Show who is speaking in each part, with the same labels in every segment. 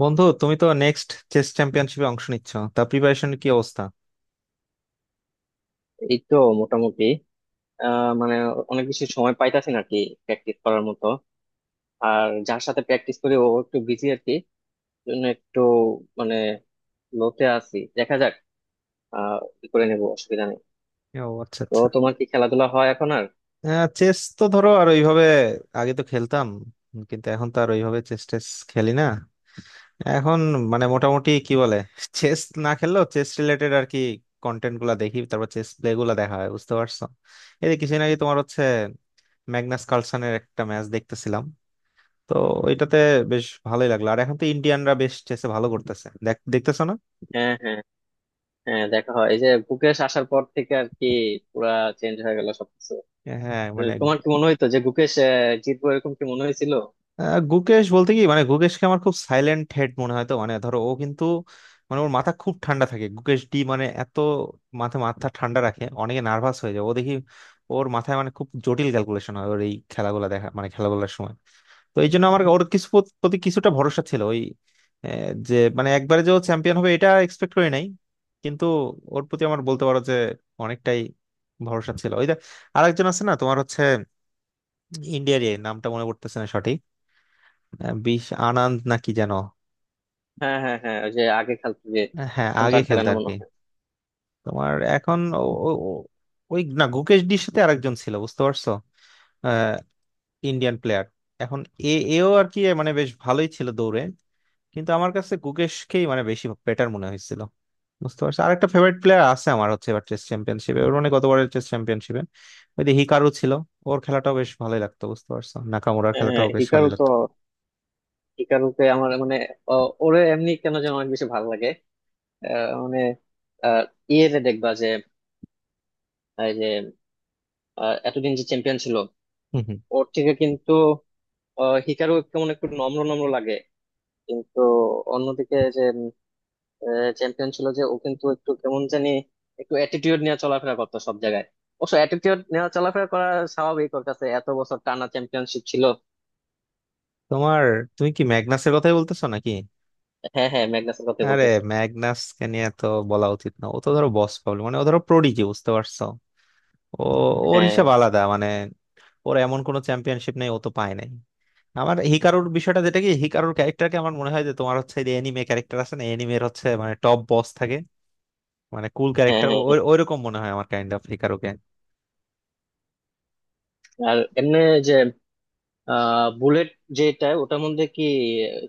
Speaker 1: বন্ধু, তুমি তো নেক্সট চেস চ্যাম্পিয়নশিপে অংশ নিচ্ছ, তা প্রিপারেশন কি অবস্থা?
Speaker 2: এই তো। মোটামুটি। মানে অনেক বেশি সময় পাইতাছি না আর কি, প্র্যাকটিস করার মতো। আর যার সাথে প্র্যাকটিস করি ও একটু বিজি আর কি, জন্য একটু মানে লোতে আছি, দেখা যাক। কি করে নেবো, অসুবিধা নেই।
Speaker 1: ও আচ্ছা
Speaker 2: তো
Speaker 1: আচ্ছা।
Speaker 2: তোমার কি খেলাধুলা হয় এখন আর?
Speaker 1: চেস তো ধরো আর ওইভাবে আগে তো খেলতাম। কিন্তু এখন তো আর ওইভাবে চেস টেস খেলি না এখন। মানে মোটামুটি কি বলে, চেস না খেললেও চেস রিলেটেড আর কি কন্টেন্ট গুলা দেখি, তারপর চেস প্লে গুলা দেখা হয়, বুঝতে পারছো? এই যে কিছুদিন আগে তোমার হচ্ছে ম্যাগনাস কার্লসেনের একটা ম্যাচ দেখতেছিলাম, তো ওইটাতে বেশ ভালোই লাগলো। আর এখন তো ইন্ডিয়ানরা বেশ চেসে ভালো করতেছে, দেখ দেখতেছো না?
Speaker 2: হ্যাঁ হ্যাঁ, হ্যাঁ দেখা হয়, এই যে গুকেশ আসার পর থেকে আর কি, পুরা চেঞ্জ হয়ে গেল সবকিছু।
Speaker 1: হ্যাঁ
Speaker 2: তো
Speaker 1: মানে।
Speaker 2: তোমার কি মনে হইতো যে গুকেশ জিতবো, এরকম কি মনে হয়েছিল?
Speaker 1: গুকেশ বলতে কি, মানে গুকেশকে আমার খুব সাইলেন্ট হেড মনে হয় তো, মানে ধরো ও কিন্তু মানে ওর মাথা খুব ঠান্ডা থাকে। গুকেশ ডি মানে এত মাথা মাথা ঠান্ডা রাখে, অনেকে নার্ভাস হয়ে যায়, ও দেখি ওর মাথায় মানে খুব জটিল ক্যালকুলেশন হয় ওর এই খেলাগুলো দেখা মানে খেলাগুলোর সময়। তো এই জন্য আমার ওর কিছু প্রতি কিছুটা ভরসা ছিল ওই। যে মানে একবারে যে ও চ্যাম্পিয়ন হবে এটা এক্সপেক্ট করি নাই, কিন্তু ওর প্রতি আমার বলতে পারো যে অনেকটাই ভরসা ছিল। ওই যে আরেকজন আছে না তোমার হচ্ছে, ইন্ডিয়ারই, নামটা মনে পড়তেছে না সঠিক। বিশ আনন্দ নাকি যেন।
Speaker 2: হ্যাঁ হ্যাঁ হ্যাঁ, ওই যে আগে খেলতো যে।
Speaker 1: হ্যাঁ,
Speaker 2: এখন তো
Speaker 1: আগে
Speaker 2: আর খেলে
Speaker 1: খেলতো
Speaker 2: না
Speaker 1: আর
Speaker 2: মনে
Speaker 1: কি।
Speaker 2: হয়।
Speaker 1: তোমার এখন ওই না, গুকেশ ডির সাথে আরেকজন ছিল, বুঝতে পারছো? আহ, ইন্ডিয়ান প্লেয়ার এখন, এ এও আর কি মানে বেশ ভালোই ছিল দৌড়ে। কিন্তু আমার কাছে গুকেশকেই মানে বেশি বেটার মনে হয়েছিল, বুঝতে পারছো? আরেকটা ফেভারিট প্লেয়ার আছে আমার হচ্ছে, এবার টেস্ট চ্যাম্পিয়নশিপে ওর মানে গতবারের টেস্ট চ্যাম্পিয়নশিপে ওই যে হিকারু ছিল, ওর খেলাটাও বেশ ভালোই লাগতো। বুঝতে পারছো, নাকামুরার
Speaker 2: হ্যাঁ হ্যাঁ,
Speaker 1: খেলাটাও বেশ
Speaker 2: হিকারু
Speaker 1: ভালোই
Speaker 2: তো,
Speaker 1: লাগতো।
Speaker 2: হিকারুকে আমার মানে ওরে এমনি কেন যেন অনেক বেশি ভালো লাগে। আহ, মানে আহ, ইয়েতে দেখবা যে, এই যে এতদিন যে চ্যাম্পিয়ন ছিল,
Speaker 1: হম হম।
Speaker 2: ওর থেকে কিন্তু হিকারু কেমন একটু নম্র নম্র লাগে। কিন্তু অন্যদিকে যে চ্যাম্পিয়ন ছিল, যে ও কিন্তু একটু কেমন জানি একটু অ্যাটিটিউড নিয়ে চলাফেরা করতো সব জায়গায়। অবশ্য অ্যাটিটিউড নিয়ে চলাফেরা করা স্বাভাবিক, ওর কাছে এত বছর টানা চ্যাম্পিয়নশিপ ছিল।
Speaker 1: তোমার, তুমি কি ম্যাগনাসের কথাই বলতেছো নাকি?
Speaker 2: হ্যাঁ হ্যাঁ, ম্যাগনাসের কথা
Speaker 1: আরে,
Speaker 2: বলতেছি।
Speaker 1: ম্যাগনাসকে নিয়ে তো বলা উচিত না, ও তো ধরো বস প্রবলেম, মানে ও ধরো প্রোডিজি, বুঝতে পারছো? ও, ওর
Speaker 2: হ্যাঁ
Speaker 1: হিসাব আলাদা মানে। ওর এমন কোনো চ্যাম্পিয়নশিপ নেই ও তো পায় নাই। আমার হিকারুর বিষয়টা যেটা কি, হিকারুর ক্যারেক্টারকে আমার মনে হয় যে তোমার হচ্ছে যে এনিমে ক্যারেক্টার আছে না, এনিমের হচ্ছে মানে টপ বস থাকে, মানে কুল
Speaker 2: হ্যাঁ
Speaker 1: ক্যারেক্টার,
Speaker 2: হ্যাঁ। হ্যাঁ।
Speaker 1: ওই রকম মনে হয় আমার কাইন্ড অফ হিকারুকে।
Speaker 2: আর এমনি যে বুলেট, যেটা ওটার মধ্যে কি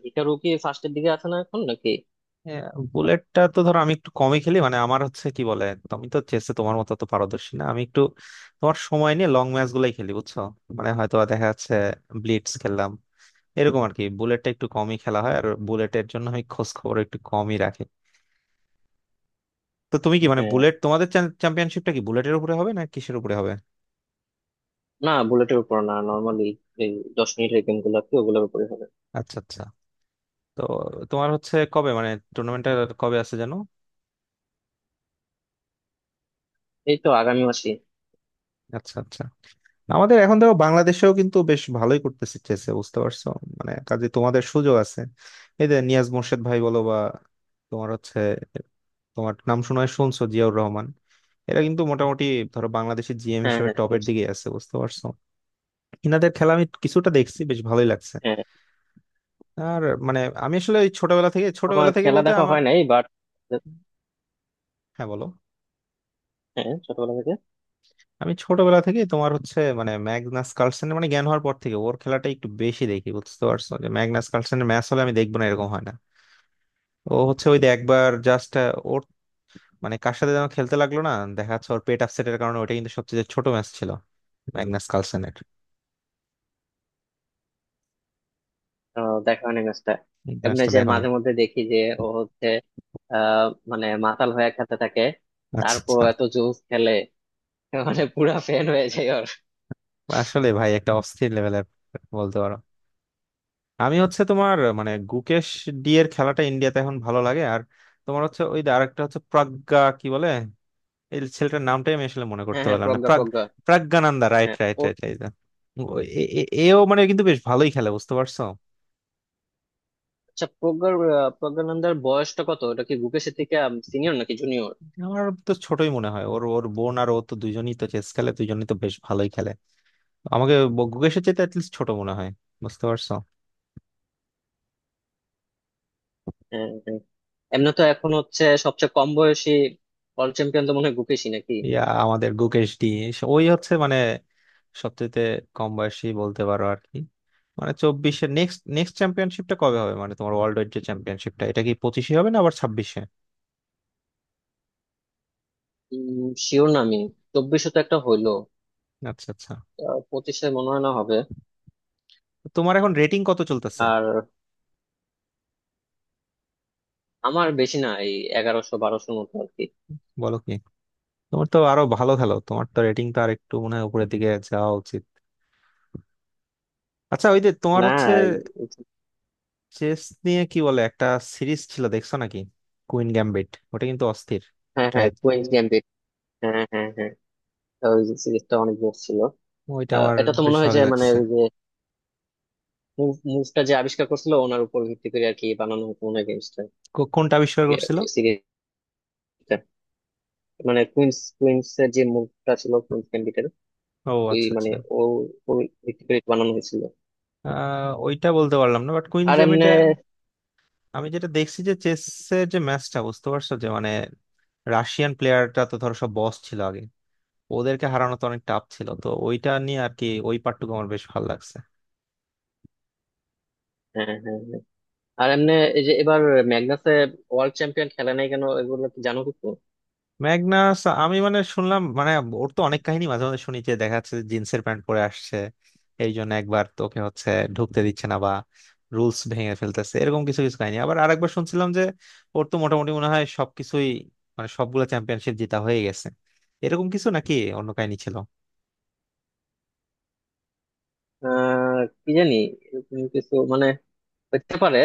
Speaker 2: হিটারু কি ফার্স্টের দিকে আছে না এখন নাকি?
Speaker 1: হ্যাঁ, বুলেটটা তো ধরো আমি একটু কমই খেলি, মানে আমার হচ্ছে কি বলে, তুমি তো চেসে তোমার মতো তো পারদর্শী না আমি, একটু তোমার সময় নিয়ে লং ম্যাচ গুলাই খেলি, বুঝছো? মানে হয়তো দেখা যাচ্ছে ব্লিটজ খেললাম এরকম আর কি। বুলেটটা একটু কমই খেলা হয় আর বুলেটের জন্য আমি খোঁজ খবর একটু কমই রাখি। তো তুমি কি মানে
Speaker 2: আহ,
Speaker 1: বুলেট তোমাদের চ্যাম্পিয়নশিপটা কি বুলেটের উপরে হবে না কিসের উপরে হবে?
Speaker 2: না, বুলেটের উপর না, নর্মালি এই 10 মিনিটের গেম গুলো আছে, ওগুলোর উপরে হবে।
Speaker 1: আচ্ছা আচ্ছা। তো তোমার হচ্ছে কবে মানে টুর্নামেন্টটা কবে আছে, জানো?
Speaker 2: এই তো আগামী মাসে।
Speaker 1: আচ্ছা আচ্ছা। আমাদের এখন দেখো বাংলাদেশেও কিন্তু বেশ ভালোই করতেছে চেসে, বুঝতে পারছো? মানে কাজে তোমাদের সুযোগ আছে। এই যে নিয়াজ মোর্শেদ ভাই বলো বা তোমার হচ্ছে, তোমার নাম শোনায় শুনছো, জিয়াউর রহমান, এরা কিন্তু মোটামুটি ধরো বাংলাদেশের জিএম
Speaker 2: হ্যাঁ
Speaker 1: হিসেবে
Speaker 2: হ্যাঁ
Speaker 1: টপের
Speaker 2: শুনেছি।
Speaker 1: দিকে আছে, বুঝতে পারছো? ইনাদের খেলা আমি কিছুটা দেখছি, বেশ ভালোই লাগছে।
Speaker 2: হ্যাঁ,
Speaker 1: আর মানে আমি আসলে ওই ছোটবেলা থেকে
Speaker 2: আমার
Speaker 1: ছোটবেলা থেকে
Speaker 2: খেলা
Speaker 1: বলতে
Speaker 2: দেখা
Speaker 1: আমার।
Speaker 2: হয় নাই, বাট
Speaker 1: হ্যাঁ বলো।
Speaker 2: হ্যাঁ ছোটবেলা থেকে।
Speaker 1: আমি ছোটবেলা থেকে তোমার হচ্ছে মানে ম্যাগনাস কার্লসেনের মানে জ্ঞান হওয়ার পর থেকে ওর খেলাটা একটু বেশি দেখি, বুঝতে পারছো, যে ম্যাগনাস কার্লসেনের ম্যাচ হলে আমি দেখবো না এরকম হয় না। ও হচ্ছে ওই যে একবার জাস্ট ওর মানে কার সাথে যেন খেলতে লাগলো না, দেখা যাচ্ছে ওর পেট আপসেটের কারণে, ওটা কিন্তু সবচেয়ে ছোট ম্যাচ ছিল ম্যাগনাস কার্লসেনের।
Speaker 2: দেখা হয় নাই ম্যাচটা, এমনি
Speaker 1: ম্যাচটা
Speaker 2: যে
Speaker 1: দেখো না।
Speaker 2: মাঝে মধ্যে দেখি যে ও হচ্ছে আহ মানে মাতাল হয়ে খেতে থাকে,
Speaker 1: আচ্ছা
Speaker 2: তারপর
Speaker 1: আচ্ছা।
Speaker 2: এত জোস খেলে, মানে পুরা ফ্যান হয়ে যায় ওর।
Speaker 1: আসলে ভাই একটা অস্থির লেভেলের বলতে পারো। আমি হচ্ছে তোমার মানে গুকেশ ডি এর খেলাটা ইন্ডিয়াতে এখন ভালো লাগে। আর তোমার হচ্ছে ওই যে আরেকটা হচ্ছে প্রজ্ঞা, কি বলে, এই ছেলেটার নামটাই আমি আসলে মনে
Speaker 2: হ্যাঁ
Speaker 1: করতে
Speaker 2: হ্যাঁ
Speaker 1: পারলাম না,
Speaker 2: প্রজ্ঞা
Speaker 1: প্রাগ,
Speaker 2: প্রজ্ঞা।
Speaker 1: প্রজ্ঞানন্দা, রাইট
Speaker 2: হ্যাঁ।
Speaker 1: রাইট
Speaker 2: ও
Speaker 1: রাইট রাইট। এও মানে কিন্তু বেশ ভালোই খেলে, বুঝতে পারছো?
Speaker 2: আচ্ছা, প্রজ্ঞার প্রজ্ঞানন্দার বয়সটা কত? ওটা কি গুকেশ থেকে সিনিয়র নাকি জুনিয়র?
Speaker 1: আমার তো ছোটই মনে হয়, ওর, ওর বোন আর ও তো দুজনই তো চেস খেলে, দুজনই তো বেশ ভালোই খেলে। আমাকে গুকেশের চেয়ে অ্যাটলিস্ট ছোট মনে হয়, বুঝতে পারছো?
Speaker 2: হ্যাঁ হ্যাঁ। এমনি তো এখন হচ্ছে সবচেয়ে কম বয়সী ওয়ার্ল্ড চ্যাম্পিয়ন তো মনে হয় গুকেশই, নাকি?
Speaker 1: ইয়া, আমাদের গুকেশ ডি, ওই হচ্ছে মানে সবচেয়ে কম বয়সী বলতে পারো আর কি। মানে চব্বিশে, নেক্সট নেক্সট চ্যাম্পিয়নশিপটা কবে হবে মানে তোমার ওয়ার্ল্ড ওয়াইড যে চ্যাম্পিয়নশিপটা, এটা কি পঁচিশে হবে না আবার ছাব্বিশে?
Speaker 2: শিওর না আমি, চব্বিশশো তো একটা হইলো।
Speaker 1: আচ্ছা আচ্ছা।
Speaker 2: পঁচিশে মনে হয় না হবে।
Speaker 1: তো তোমার এখন রেটিং কত চলতেছে?
Speaker 2: আর আমার বেশি না, এই 1100-1200র মতো আর কি।
Speaker 1: বলো কি! তোমার তো আরো ভালো খেলো, তোমার তো রেটিং তো আর একটু মনে হয় উপরের দিকে যাওয়া উচিত। আচ্ছা, ওই যে তোমার
Speaker 2: না
Speaker 1: হচ্ছে
Speaker 2: এই—
Speaker 1: চেস নিয়ে কি বলে একটা সিরিজ ছিল, দেখছো নাকি, কুইন গ্যাম্বিট? ওটা কিন্তু অস্থির।
Speaker 2: হ্যাঁ
Speaker 1: ট্রাই।
Speaker 2: হ্যাঁ, কুইন্স গ্যাম্বিট। হ্যাঁ হ্যাঁ হ্যাঁ, ওই সিরিজটা অনেক বেশ ছিল।
Speaker 1: ওইটা আমার
Speaker 2: এটা তো
Speaker 1: বেশ
Speaker 2: মনে হয়
Speaker 1: ভালো
Speaker 2: যে মানে
Speaker 1: লাগছে।
Speaker 2: ওই যে মুভটা যে আবিষ্কার করছিল, ওনার উপর ভিত্তি করে আর কি বানানো হতো মনে হয় গেমসটা,
Speaker 1: কোনটা আবিষ্কার করছিল?
Speaker 2: সিরিজটা। মানে কুইন্স কুইন্স এর যে মুভটা ছিল কুইন্স ক্যান্ডিডেট,
Speaker 1: ও
Speaker 2: ওই
Speaker 1: আচ্ছা
Speaker 2: মানে
Speaker 1: আচ্ছা।
Speaker 2: ও ওর ভিত্তি করে বানানো হয়েছিল।
Speaker 1: আহ, ওইটা বলতে পারলাম না, বাট কুইন
Speaker 2: আর এমনে
Speaker 1: গ্যাম্বিটে আমি যেটা দেখছি যে চেসের যে ম্যাচটা, বুঝতে পারছো, যে মানে রাশিয়ান প্লেয়ারটা তো ধরো সব বস ছিল আগে, ওদেরকে হারানো তো অনেক টাফ ছিল, তো ওইটা নিয়ে আর কি, ওই পার্টটুকু আমার বেশ ভালো লাগছে।
Speaker 2: হ্যাঁ হ্যাঁ হ্যাঁ। আর এমনে এই যে এবার ম্যাগনাসে ওয়ার্ল্ড চ্যাম্পিয়ন খেলে নাই কেন, এগুলো কি জানো কিছু?
Speaker 1: ম্যাগনাস আমি মানে শুনলাম মানে ওর তো অনেক কাহিনী মাঝে মাঝে শুনি, যে দেখা যাচ্ছে জিন্সের প্যান্ট পরে আসছে, এই জন্য একবার তোকে হচ্ছে ঢুকতে দিচ্ছে না, বা রুলস ভেঙে ফেলতেছে, এরকম কিছু কিছু কাহিনী। আবার আরেকবার শুনছিলাম যে ওর তো মোটামুটি মনে হয় সবকিছুই মানে সবগুলো চ্যাম্পিয়নশিপ জেতা হয়ে গেছে, এরকম কিছু নাকি অন্য কাহিনী ছিল।
Speaker 2: কি জানি, এরকম কিছু মানে হতে পারে,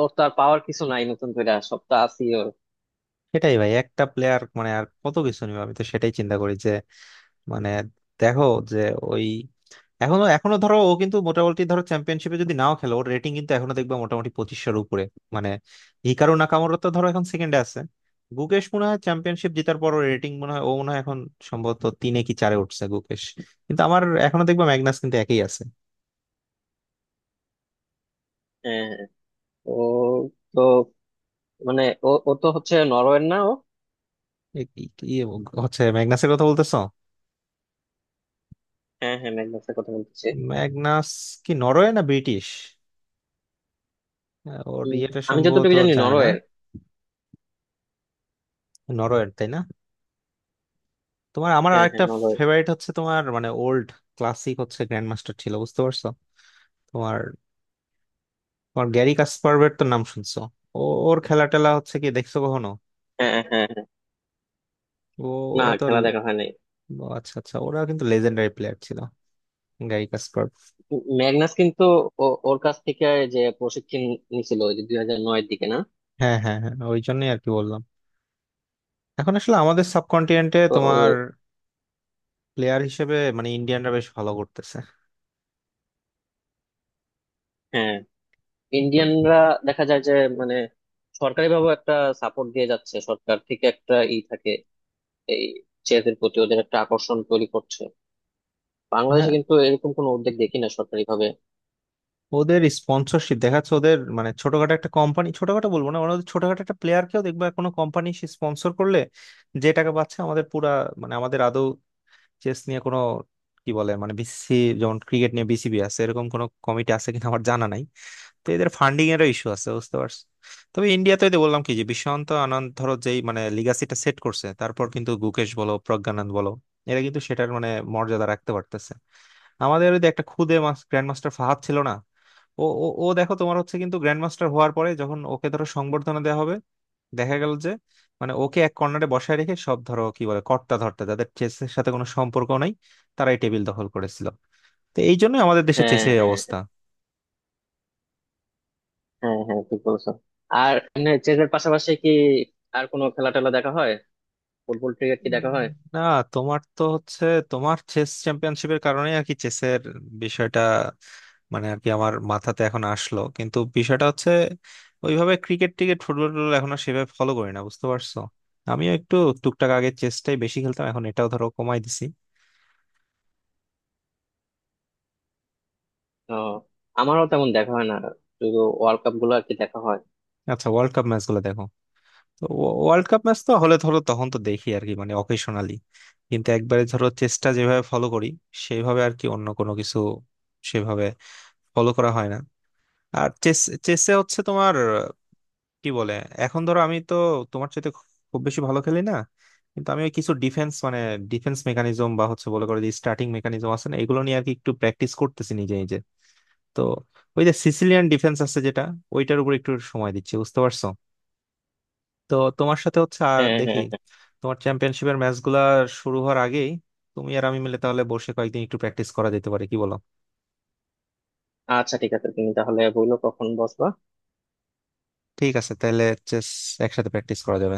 Speaker 2: ওর তো আর পাওয়ার কিছু নাই নতুন করে, সবটা আছি ওর।
Speaker 1: সেটাই ভাই, একটা প্লেয়ার মানে আর কত কিছু নিবে, আমি তো সেটাই চিন্তা করি যে মানে দেখো, যে ওই এখনো এখনো ধরো ও কিন্তু মোটামুটি ধরো চ্যাম্পিয়নশিপে যদি নাও খেলে ওর রেটিং কিন্তু এখনো দেখবে মোটামুটি পঁচিশশোর উপরে, মানে হিকারু নাকামোরা তো ধরো এখন সেকেন্ডে আছে, গুকেশ মনে হয় চ্যাম্পিয়নশিপ জেতার পর রেটিং মনে হয় ও মনে হয় এখন সম্ভবত তিনে কি চারে উঠছে গুকেশ, কিন্তু আমার এখনো দেখবো ম্যাগনাস কিন্তু একই আছে।
Speaker 2: হ্যাঁ হ্যাঁ, ও তো মানে ও ও তো হচ্ছে নরওয়ের, না ও?
Speaker 1: এ কি কি হচ্ছে, ম্যাগনাসের কথা বলতেছো?
Speaker 2: হ্যাঁ হ্যাঁ, ম্যাগনাসের কথা বলতেছি।
Speaker 1: ম্যাগনাস কি নরওয়ে না ব্রিটিশ? ওর
Speaker 2: উম,
Speaker 1: ইয়েটা
Speaker 2: আমি
Speaker 1: সম্ভবত
Speaker 2: যতটুকু জানি
Speaker 1: যায় না।
Speaker 2: নরওয়ের।
Speaker 1: নরওয়ের, তাই না? তোমার আমার
Speaker 2: হ্যাঁ হ্যাঁ
Speaker 1: আরেকটা
Speaker 2: নরওয়ের।
Speaker 1: ফেভারিট হচ্ছে, তোমার মানে ওল্ড ক্লাসিক হচ্ছে গ্র্যান্ড মাস্টার ছিল, বুঝতে পারছো? তোমার, তোমার গ্যারি কাসপারভের তো নাম শুনছো? ও, ওর খেলা টেলা হচ্ছে কি দেখছো কখনো?
Speaker 2: হ্যাঁ হ্যাঁ।
Speaker 1: ও,
Speaker 2: না,
Speaker 1: ওরা তো
Speaker 2: খেলা দেখা হয় নাই।
Speaker 1: ও আচ্ছা আচ্ছা, ওরা কিন্তু লেজেন্ডারি প্লেয়ার ছিল, গ্যারি কাসপার।
Speaker 2: ম্যাগনাস কিন্তু ওর কাছ থেকে যে প্রশিক্ষণ নিছিল, ওই যে 2009-এর দিকে না?
Speaker 1: হ্যাঁ হ্যাঁ হ্যাঁ, ওই জন্যই আর কি বললাম। এখন আসলে আমাদের সাবকন্টিনেন্টে
Speaker 2: তো
Speaker 1: তোমার
Speaker 2: ও-
Speaker 1: প্লেয়ার হিসেবে মানে ইন্ডিয়ানরা বেশ ভালো করতেছে।
Speaker 2: হ্যাঁ,
Speaker 1: তো,
Speaker 2: ইন্ডিয়ানরা দেখা যায় যে মানে সরকারি ভাবে একটা সাপোর্ট দিয়ে যাচ্ছে, সরকার থেকে একটা ই থাকে, এই চেসের প্রতি ওদের একটা আকর্ষণ তৈরি করছে।
Speaker 1: হ্যাঁ,
Speaker 2: বাংলাদেশে কিন্তু এরকম কোনো উদ্যোগ দেখি না সরকারি ভাবে।
Speaker 1: ওদের স্পন্সরশিপ দেখাচ্ছে, ওদের মানে ছোটখাটো একটা কোম্পানি, ছোটখাটো বলবো না মানে ওদের ছোটখাটো একটা প্লেয়ারকেও দেখবা কোনো কোম্পানি সে স্পন্সর করলে, যে টাকা পাচ্ছে। আমাদের পুরা মানে আমাদের আদৌ চেস নিয়ে কোনো কি বলে মানে বিসিসি, যেমন ক্রিকেট নিয়ে বিসিবি আছে, এরকম কোনো কমিটি আছে কিনা আমার জানা নাই। তো এদের ফান্ডিং এরও ইস্যু আছে, বুঝতে পারছো? তবে ইন্ডিয়াতে ওই যে বললাম কি যে বিশ্বন্ত আনন্দ ধরো যেই মানে লিগাসিটা সেট করছে, তারপর কিন্তু গুকেশ বলো প্রজ্ঞানন্দ বলো, এরা কিন্তু সেটার মানে মর্যাদা রাখতে পারতেছে। আমাদের ওই যে একটা খুদে গ্র্যান্ড মাস্টার ফাহাদ ছিল না, ও, ও, ও দেখো তোমার হচ্ছে কিন্তু গ্র্যান্ড মাস্টার হওয়ার পরে যখন ওকে ধরো সংবর্ধনা দেওয়া হবে, দেখা গেল যে মানে ওকে এক কর্নারে বসায় রেখে সব ধরো কি বলে কর্তা ধর্তা যাদের চেসের সাথে কোনো সম্পর্ক নাই, তারাই টেবিল দখল করেছিল। তো এই জন্য আমাদের দেশে
Speaker 2: হ্যাঁ
Speaker 1: চেসের এই
Speaker 2: হ্যাঁ
Speaker 1: অবস্থা।
Speaker 2: হ্যাঁ, হ্যাঁ ঠিক বলছো। আর চেসের পাশাপাশি কি আর কোনো খেলা টেলা দেখা হয়? ফুটবল ক্রিকেট কি
Speaker 1: উম,
Speaker 2: দেখা হয়?
Speaker 1: না, তোমার তো হচ্ছে তোমার চেস চ্যাম্পিয়নশিপের কারণেই আর কি চেসের বিষয়টা মানে আর কি আমার মাথাতে এখন আসলো, কিন্তু বিষয়টা হচ্ছে ওইভাবে ক্রিকেট টিকেট ফুটবল টুটবল এখন আর সেভাবে ফলো করি না, বুঝতে পারছো? আমিও একটু টুকটাক আগে চেসটাই বেশি খেলতাম, এখন এটাও ধরো কমাই দিছি।
Speaker 2: তো আমারও তেমন দেখা হয় না, শুধু ওয়ার্ল্ড কাপ গুলো আর কি দেখা হয়।
Speaker 1: আচ্ছা, ওয়ার্ল্ড কাপ ম্যাচ গুলো দেখো। তো ওয়ার্ল্ড কাপ ম্যাচ তো হলে ধরো তখন তো দেখি আর কি, মানে অকেশনালি, কিন্তু একবারে ধরো চেসটা যেভাবে ফলো করি সেইভাবে আর কি অন্য কোনো কিছু সেভাবে ফলো করা হয় না। আর চেস, চেসে হচ্ছে তোমার, কি বলে, এখন ধরো আমি তো তোমার চাইতে খুব বেশি ভালো খেলি না, কিন্তু আমি ওই কিছু ডিফেন্স মানে ডিফেন্স মেকানিজম বা হচ্ছে বলে করে যে স্টার্টিং মেকানিজম আছে না, এগুলো নিয়ে আর কি একটু প্র্যাকটিস করতেছি নিজে নিজে। তো ওই যে সিসিলিয়ান ডিফেন্স আছে যেটা, ওইটার উপর একটু সময় দিচ্ছি, বুঝতে পারছো? তো তোমার সাথে হচ্ছে আর
Speaker 2: হ্যাঁ
Speaker 1: দেখি
Speaker 2: হ্যাঁ হ্যাঁ।
Speaker 1: তোমার চ্যাম্পিয়নশিপের ম্যাচগুলা শুরু হওয়ার আগেই তুমি আর আমি মিলে তাহলে বসে কয়েকদিন একটু প্র্যাকটিস করা যেতে পারে, কি বলো?
Speaker 2: আচ্ছা ঠিক আছে, তুমি তাহলে বললো কখন বসবা।
Speaker 1: ঠিক আছে তাহলে, চেস একসাথে প্র্যাকটিস করা যাবে।